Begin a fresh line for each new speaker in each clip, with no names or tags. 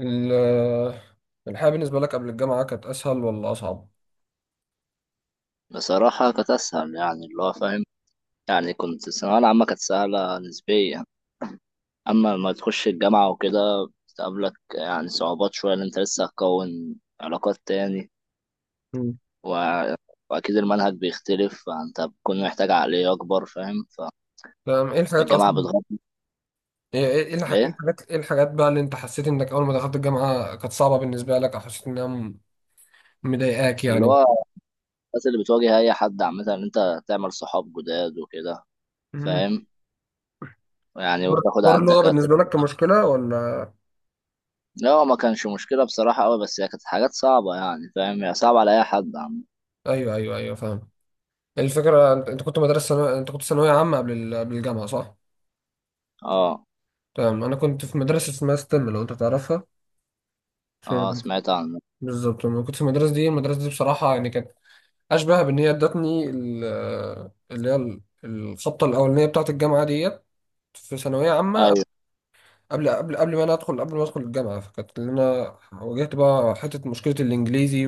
ال- الحياة بالنسبة لك قبل الجامعة كانت أسهل ولا أصعب؟
بصراحة كانت أسهل، يعني اللي هو فاهم. يعني كنت الثانوية العامة كانت سهلة نسبيا. أما لما تخش الجامعة وكده بتقابلك يعني صعوبات شوية، إن أنت لسه هتكون علاقات تاني
مم.
و... وأكيد المنهج بيختلف، فأنت بتكون محتاج عقلية أكبر، فاهم؟
تمام. إيه الحاجات
فالجامعة
أصلا؟
بتغطي
إيه
إيه؟
إيه الحاجات بقى اللي أنت حسيت إنك أول ما دخلت الجامعة كانت صعبة بالنسبة لك، أو حسيت إنها مضايقاك
اللي
يعني؟
هو الناس اللي بتواجه أي حد عامة، إن أنت تعمل صحاب جداد وكده،
مم.
فاهم يعني،
حوار
وتاخد على
حوار اللغة
الدكاترة.
بالنسبة لك كمشكلة، ولا؟
لا، هو ما كانش مشكلة بصراحة أوي، بس هي كانت حاجات صعبة يعني، فاهم؟ هي صعبة على أي حد عامة.
أيوه، أيوه، أيوه، فاهم. الفكرة، أنت أنت كنت ثانوية عامة قبل الجامعة، صح؟
اه.
تمام. أنا كنت في مدرسة اسمها ستيم، لو أنت تعرفها. اسمها
اه، سمعت عنه.
بالظبط. أنا كنت في المدرسة دي. المدرسة دي بصراحة يعني كانت اشبه بان هي ادتني الخبطه الاولانيه بتاعه الجامعه ديت في ثانويه عامه.
ايوه
قبل ما ادخل الجامعه، فكانت اللي انا واجهت بقى حته مشكله الانجليزي،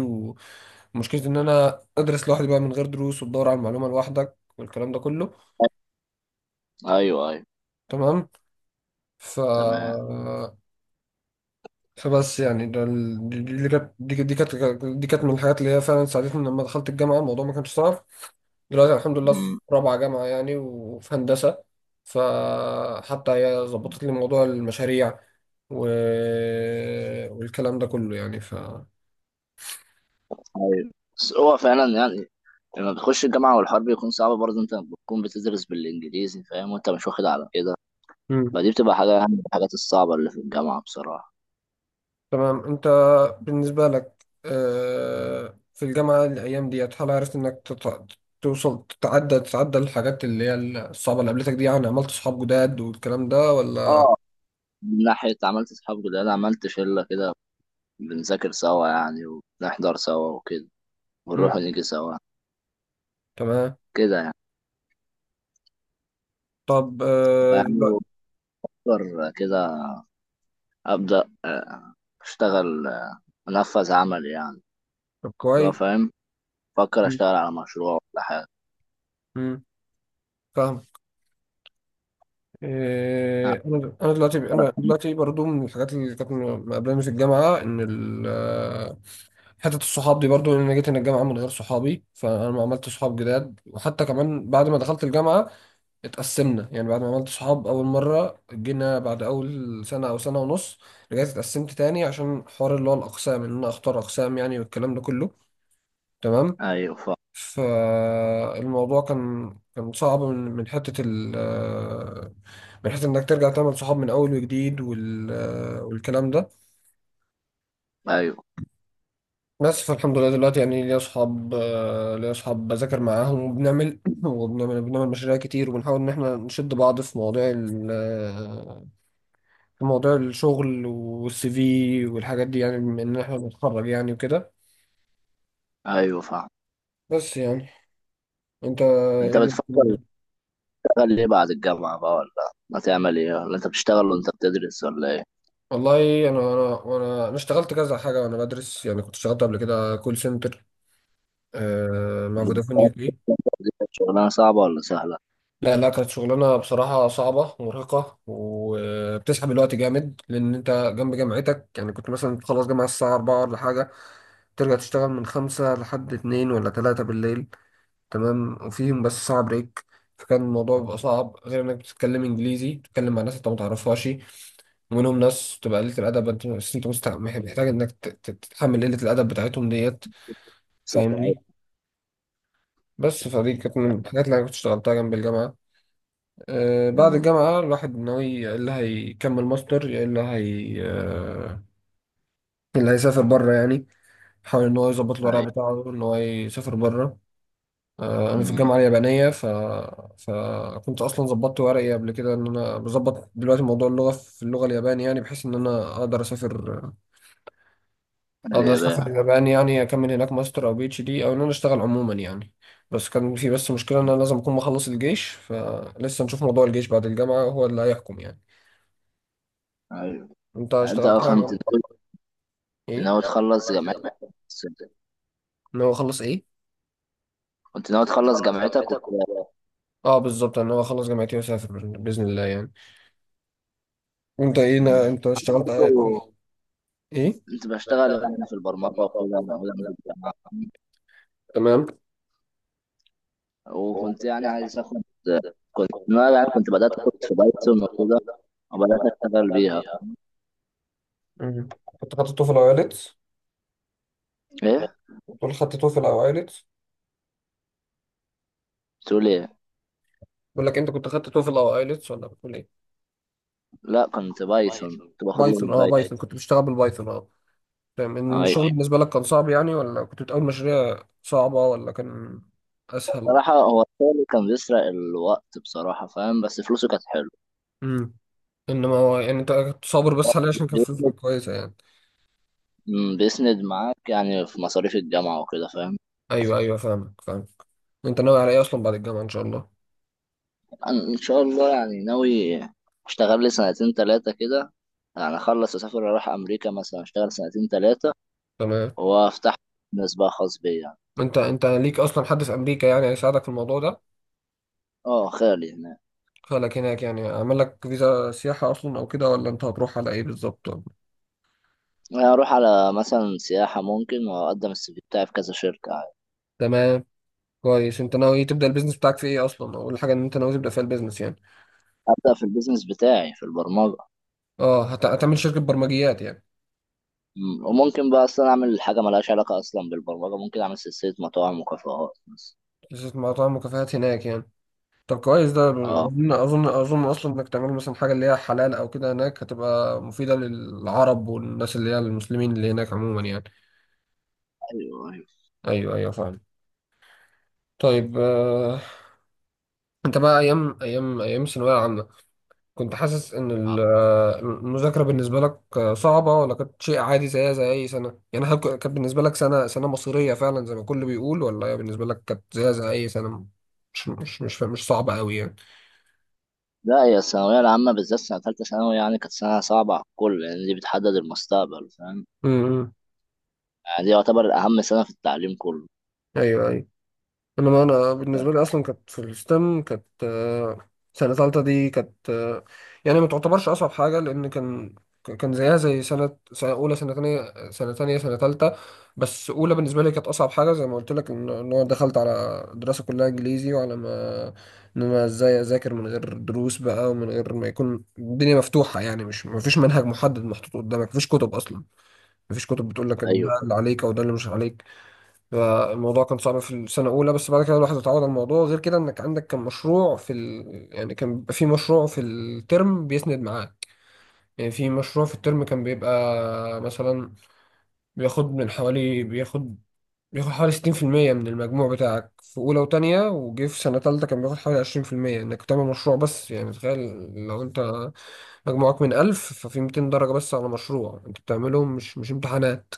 ومشكله ان انا ادرس لوحدي بقى من غير دروس، وتدور على المعلومه لوحدك والكلام ده كله.
ايوه ايوه.
تمام. ف
تمام.
فبس يعني دي كانت من الحاجات اللي هي فعلا ساعدتني لما دخلت الجامعة، الموضوع ما كانش صعب. دلوقتي الحمد لله في
امم.
رابعة جامعة يعني، وفي هندسة. فحتى هي ظبطت لي موضوع المشاريع و... والكلام ده كله يعني.
ايوه، بس هو فعلا يعني لما بتخش الجامعه والحرب بيكون صعب، برضه انت بتكون بتدرس بالانجليزي، فاهم؟ وانت مش واخد على كده،
مم.
فدي بتبقى حاجه يعني من الحاجات الصعبه اللي في الجامعه بصراحه.
تمام. انت بالنسبة لك، في الجامعة الأيام ديت، هل عرفت انك توصل تتعدى الحاجات اللي هي الصعبة اللي قابلتك دي؟ يعني عملت صحاب جداد والكلام ده، ولا؟
اه، من ناحيه عملت اصحاب جداد، عملت شله كده، بنذاكر سوا يعني، ونحضر سوا وكده، ونروح ونيجي سوا،
تمام.
كده يعني.
طب دلوقتي.
فيعني بفكر كده، ابدا اشتغل، انفذ عمل يعني،
طب
لو
كويس.
فاهم. بفكر
مم.
اشتغل على مشروع ولا حاجة.
مم. فاهم.
آه،
آه انا انا دلوقتي برضو من الحاجات اللي كانت مقابلاني في الجامعه، ان حته الصحاب دي برضو، إن انا جيت هنا الجامعه من غير صحابي، فانا ما عملت صحاب جداد. وحتى كمان بعد ما دخلت الجامعه اتقسمنا يعني. بعد ما عملت صحاب اول مره، جينا بعد اول سنه او سنه ونص رجعت اتقسمت تاني، عشان حوار اللي هو الاقسام، ان انا اختار اقسام يعني والكلام ده كله. تمام.
ايوه فاهم.
فالموضوع كان صعب من حتة إنك ترجع تعمل صحاب من أول وجديد والكلام ده.
ايوه
بس فالحمد لله دلوقتي يعني ليا صحاب، ليا صحاب بذاكر معاهم، وبنعمل وبنعمل مشاريع كتير، وبنحاول إن إحنا نشد بعض في مواضيع ال في مواضيع الشغل والـCV والحاجات دي، يعني بما إن إحنا بنتخرج يعني وكده.
ايوه فاهم.
بس يعني. أنت
انت
إيه دي؟
بتفكر تشتغل ايه بعد الجامعة بقى؟ ولا ما تعمل ايه؟ ولا انت بتشتغل وانت بتدرس ولا ايه؟
والله انا انا وانا انا اشتغلت كذا حاجه وانا بدرس، يعني كنت اشتغلت قبل كده كول سنتر مع فودافون UK.
بتدرس شغلانة صعبة ولا سهلة؟
لا لا، كانت شغلانه بصراحه صعبه ومرهقه وبتسحب الوقت جامد، لان انت جنب جامعتك، يعني كنت مثلا تخلص جامعه الساعه 4 ولا حاجه، ترجع تشتغل من 5 لحد 2 ولا 3 بالليل. تمام. وفيهم بس ساعة بريك. فكان الموضوع بيبقى صعب، غير انك بتتكلم انجليزي، بتتكلم مع ناس انت ما تعرفهاش، ومنهم ناس تبقى قلة الأدب، أنت بس أنت محتاج إنك تتحمل قلة الأدب بتاعتهم ديت.
سهلة.
فاهمني. بس فدي كانت من الحاجات اللي أنا كنت اشتغلتها جنب الجامعة. آه، بعد
امم.
الجامعة الواحد ناوي يا إلا هيكمل ماستر، يا إلا هي آه اللي هيسافر بره يعني، حاول إن هو يظبط الورق
ايوه.
بتاعه إن هو يسافر بره. انا في
امم.
الجامعه اليابانيه فكنت اصلا ظبطت ورقي قبل كده، ان انا بظبط دلوقتي موضوع اللغه في اللغه الياباني، يعني بحيث ان انا اقدر اسافر
اليابان.
اليابان يعني، اكمل هناك ماستر او PhD، او ان انا اشتغل عموما يعني. بس كان في مشكله ان انا لازم اكون مخلص الجيش، فلسه نشوف موضوع الجيش بعد الجامعه هو اللي هيحكم يعني.
ايوه،
انت
انت
اشتغلت
كنت
حاجه؟
ناوي،
ايه؟
ناوي تخلص جامعتك بس-
ان هو اخلص ايه؟
كنت ناوي تخلص جامعتك
اه بالظبط، ان هو اخلص جامعتي واسافر باذن الله يعني. وانت ايه؟
مم.
انت
انا
اشتغلت
برضه
ايه؟
كنت بشتغل يعني في البرمجة وكده، أنا أولاً بالجامعة.
تمام.
وكنت يعني عايز اخد، كنت أنا يعني كنت بدأت كنت في بايثون وكده، وبدأت اشتغل بيها.
مم. كنت خدت توفل او ايلتس؟
ايه؟
بتقول خدت توفل او ايلتس؟
تقول ايه؟
بقول لك، انت كنت خدت توفل او ايلتس ولا بتقول ايه؟
لا، كنت بايثون، كنت باخد لغة
بايثون؟ اه
بايثون.
بايثون، كنت بشتغل بالبايثون، اه. تمام. إن الشغل
ايوه.
بالنسبه لك كان صعب يعني؟ ولا كنت بتقول مشاريع صعبه؟ ولا كان اسهل؟
بصراحة هو الشغل كان بيسرق الوقت بصراحة، فاهم؟ بس فلوسه كانت حلوة.
امم. انما هو يعني انت كنت صابر بس عليه عشان كان فلوسك
بيسند
كويسه يعني.
مم، بيسند معاك يعني في مصاريف الجامعة وكده، فاهم.
ايوه، ايوه، فاهمك، فاهمك. انت ناوي على ايه اصلا بعد الجامعه ان شاء الله؟
أنا ان شاء الله يعني ناوي اشتغل لي سنتين تلاتة كده، يعني اخلص اسافر، اروح امريكا مثلا اشتغل سنتين تلاتة،
تمام.
وافتح بزنس بقى خاص بيا يعني.
انت ليك اصلا حد في امريكا يعني هيساعدك في الموضوع ده؟
اه، خيالي.
خلك هناك يعني، عمل لك فيزا سياحه اصلا او كده، ولا انت هتروح على ايه بالظبط؟
اروح على مثلا سياحة ممكن، واقدم السي في بتاعي في كذا شركة.
تمام كويس. انت ناوي تبدا البيزنس بتاعك في ايه اصلا؟ اول حاجه ان انت ناوي تبدا فيها البيزنس يعني؟
ابدأ في البيزنس بتاعي في البرمجة.
اه، هتعمل شركه برمجيات يعني؟
مم، وممكن بقى اصلا اعمل حاجة ملهاش علاقة اصلا بالبرمجة، ممكن اعمل سلسلة مطاعم وكافيهات مثلا.
شركه مطاعم وكافيهات هناك يعني؟ طب كويس ده.
اه.
اظن اصلا انك تعمل مثلا حاجه اللي هي حلال او كده، هناك هتبقى مفيده للعرب والناس اللي هي المسلمين اللي هناك عموما يعني.
ايوه ايوه.
ايوه، ايوه، فاهم. طيب. انت بقى ايام ايام ثانويه عامه كنت حاسس ان المذاكره بالنسبه لك صعبه، ولا كانت شيء عادي زيها زي اي سنه يعني؟ هل كانت بالنسبه لك سنه مصيريه فعلا زي ما الكل بيقول، ولا هي بالنسبه لك كانت زيها زي اي سنه، مش صعبه قوي يعني؟
لا، هي الثانوية العامة بالذات سنة تالتة ثانوي يعني كانت سنة صعبة على الكل، لان دي بتحدد المستقبل، فاهم؟
امم.
يعني دي يعتبر اهم سنة في التعليم كله.
ايوه، ايوه. انما انا
فاهم.
بالنسبه لي اصلا كانت في الستم، كانت سنه ثالثه دي كانت، يعني ما تعتبرش اصعب حاجه، لان كان زيها زي سنه، سنه اولى، سنه ثانيه، سنه ثالثه. بس اولى بالنسبه لي كانت اصعب حاجه، زي ما قلت لك، إن انا دخلت على دراسه كلها انجليزي، وعلى ما ان انا ازاي اذاكر من غير دروس بقى، ومن غير ما يكون الدنيا مفتوحه يعني، مش ما فيش منهج محدد محطوط قدامك، ما فيش كتب اصلا، ما فيش كتب بتقول لك إن ده
ايوه
اللي عليك او ده اللي مش عليك. فالموضوع كان صعب في السنة الأولى، بس بعد كده الواحد اتعود على الموضوع. غير كده إنك عندك كان مشروع في يعني كان بيبقى في مشروع في الترم بيسند معاك، يعني في مشروع في الترم كان بيبقى مثلا بياخد من حوالي بياخد بياخد حوالي 60% من المجموع بتاعك في أولى وتانية، وجه في سنة تالتة كان بياخد حوالي 20% إنك تعمل مشروع بس، يعني تخيل لو أنت مجموعك من 1000، ففي 200 درجة بس على مشروع أنت بتعملهم، مش مش امتحانات.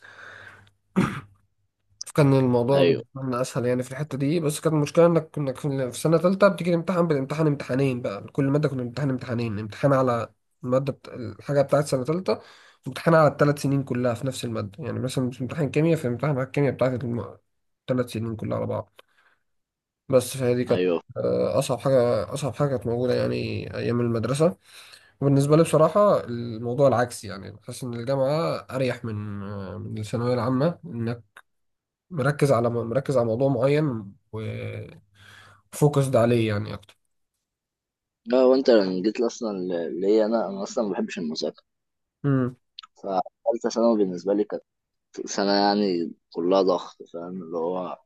كان الموضوع
ايوه
بالنسبة لنا أسهل يعني في الحتة دي. بس كانت المشكلة إنك كنا في سنة تالتة بتيجي تمتحن امتحانين بقى لكل مادة، كنا بنمتحن امتحانين، امتحان على الحاجة بتاعت سنة تالتة، امتحان على الـ3 سنين كلها في نفس المادة. يعني مثلا مش امتحان كيمياء، في امتحان على الكيمياء بتاعت الـ3 سنين كلها على بعض. بس فهي دي كانت
ايوه.
أصعب حاجة. أصعب حاجة كانت موجودة يعني أيام المدرسة. وبالنسبة لي بصراحة الموضوع العكسي، يعني بحس إن الجامعة أريح من الثانوية العامة، إن مركز على موضوع معين وفوكسد عليه يعني اكتر.
لا، وانت لما جيت لي اصلا ليا، انا اصلا ما بحبش المذاكره،
امم.
فتالتة ثانوي بالنسبه لي سنة يعني كلها ضغط، فاهم؟ اللي هو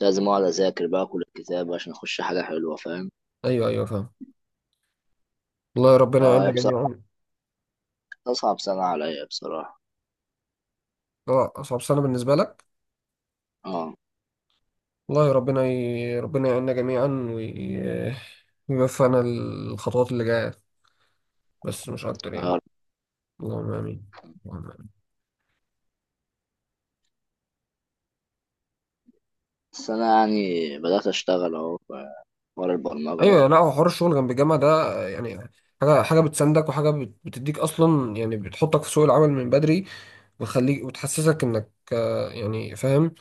لازم أقعد أذاكر بقى كل الكتاب عشان أخش حاجة حلوة، فاهم.
ايوه، ايوه، فاهم. والله ربنا يعيننا
فهي بصراحة
جميعا.
كانت أصعب سنة عليا بصراحة.
اه، اصعب سنه بالنسبه لك.
اه.
والله ربنا يعيننا جميعا، وي- ويوفقنا الخطوات اللي جايه بس، مش اكتر يعني.
آه.
اللهم امين. اللهم آمين.
السنة يعني بدأت أشتغل أهو في حوار البرمجة ده.
ايوه. لا هو حوار الشغل جنب الجامعه ده يعني، حاجه بتساندك، وحاجه بتديك اصلا يعني، بتحطك في سوق العمل من بدري، وتخليك وتحسسك انك، يعني فاهم،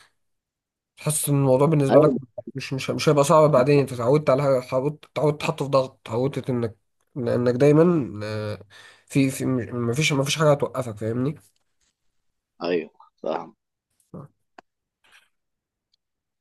تحس ان الموضوع بالنسبه لك
أيوه
مش هيبقى صعب بعدين. انت اتعودت على حاجه، اتعودت تتحط في ضغط، اتعودت انك، لانك دايما في في مفيش حاجه هتوقفك، فاهمني.
أيوه فاهم.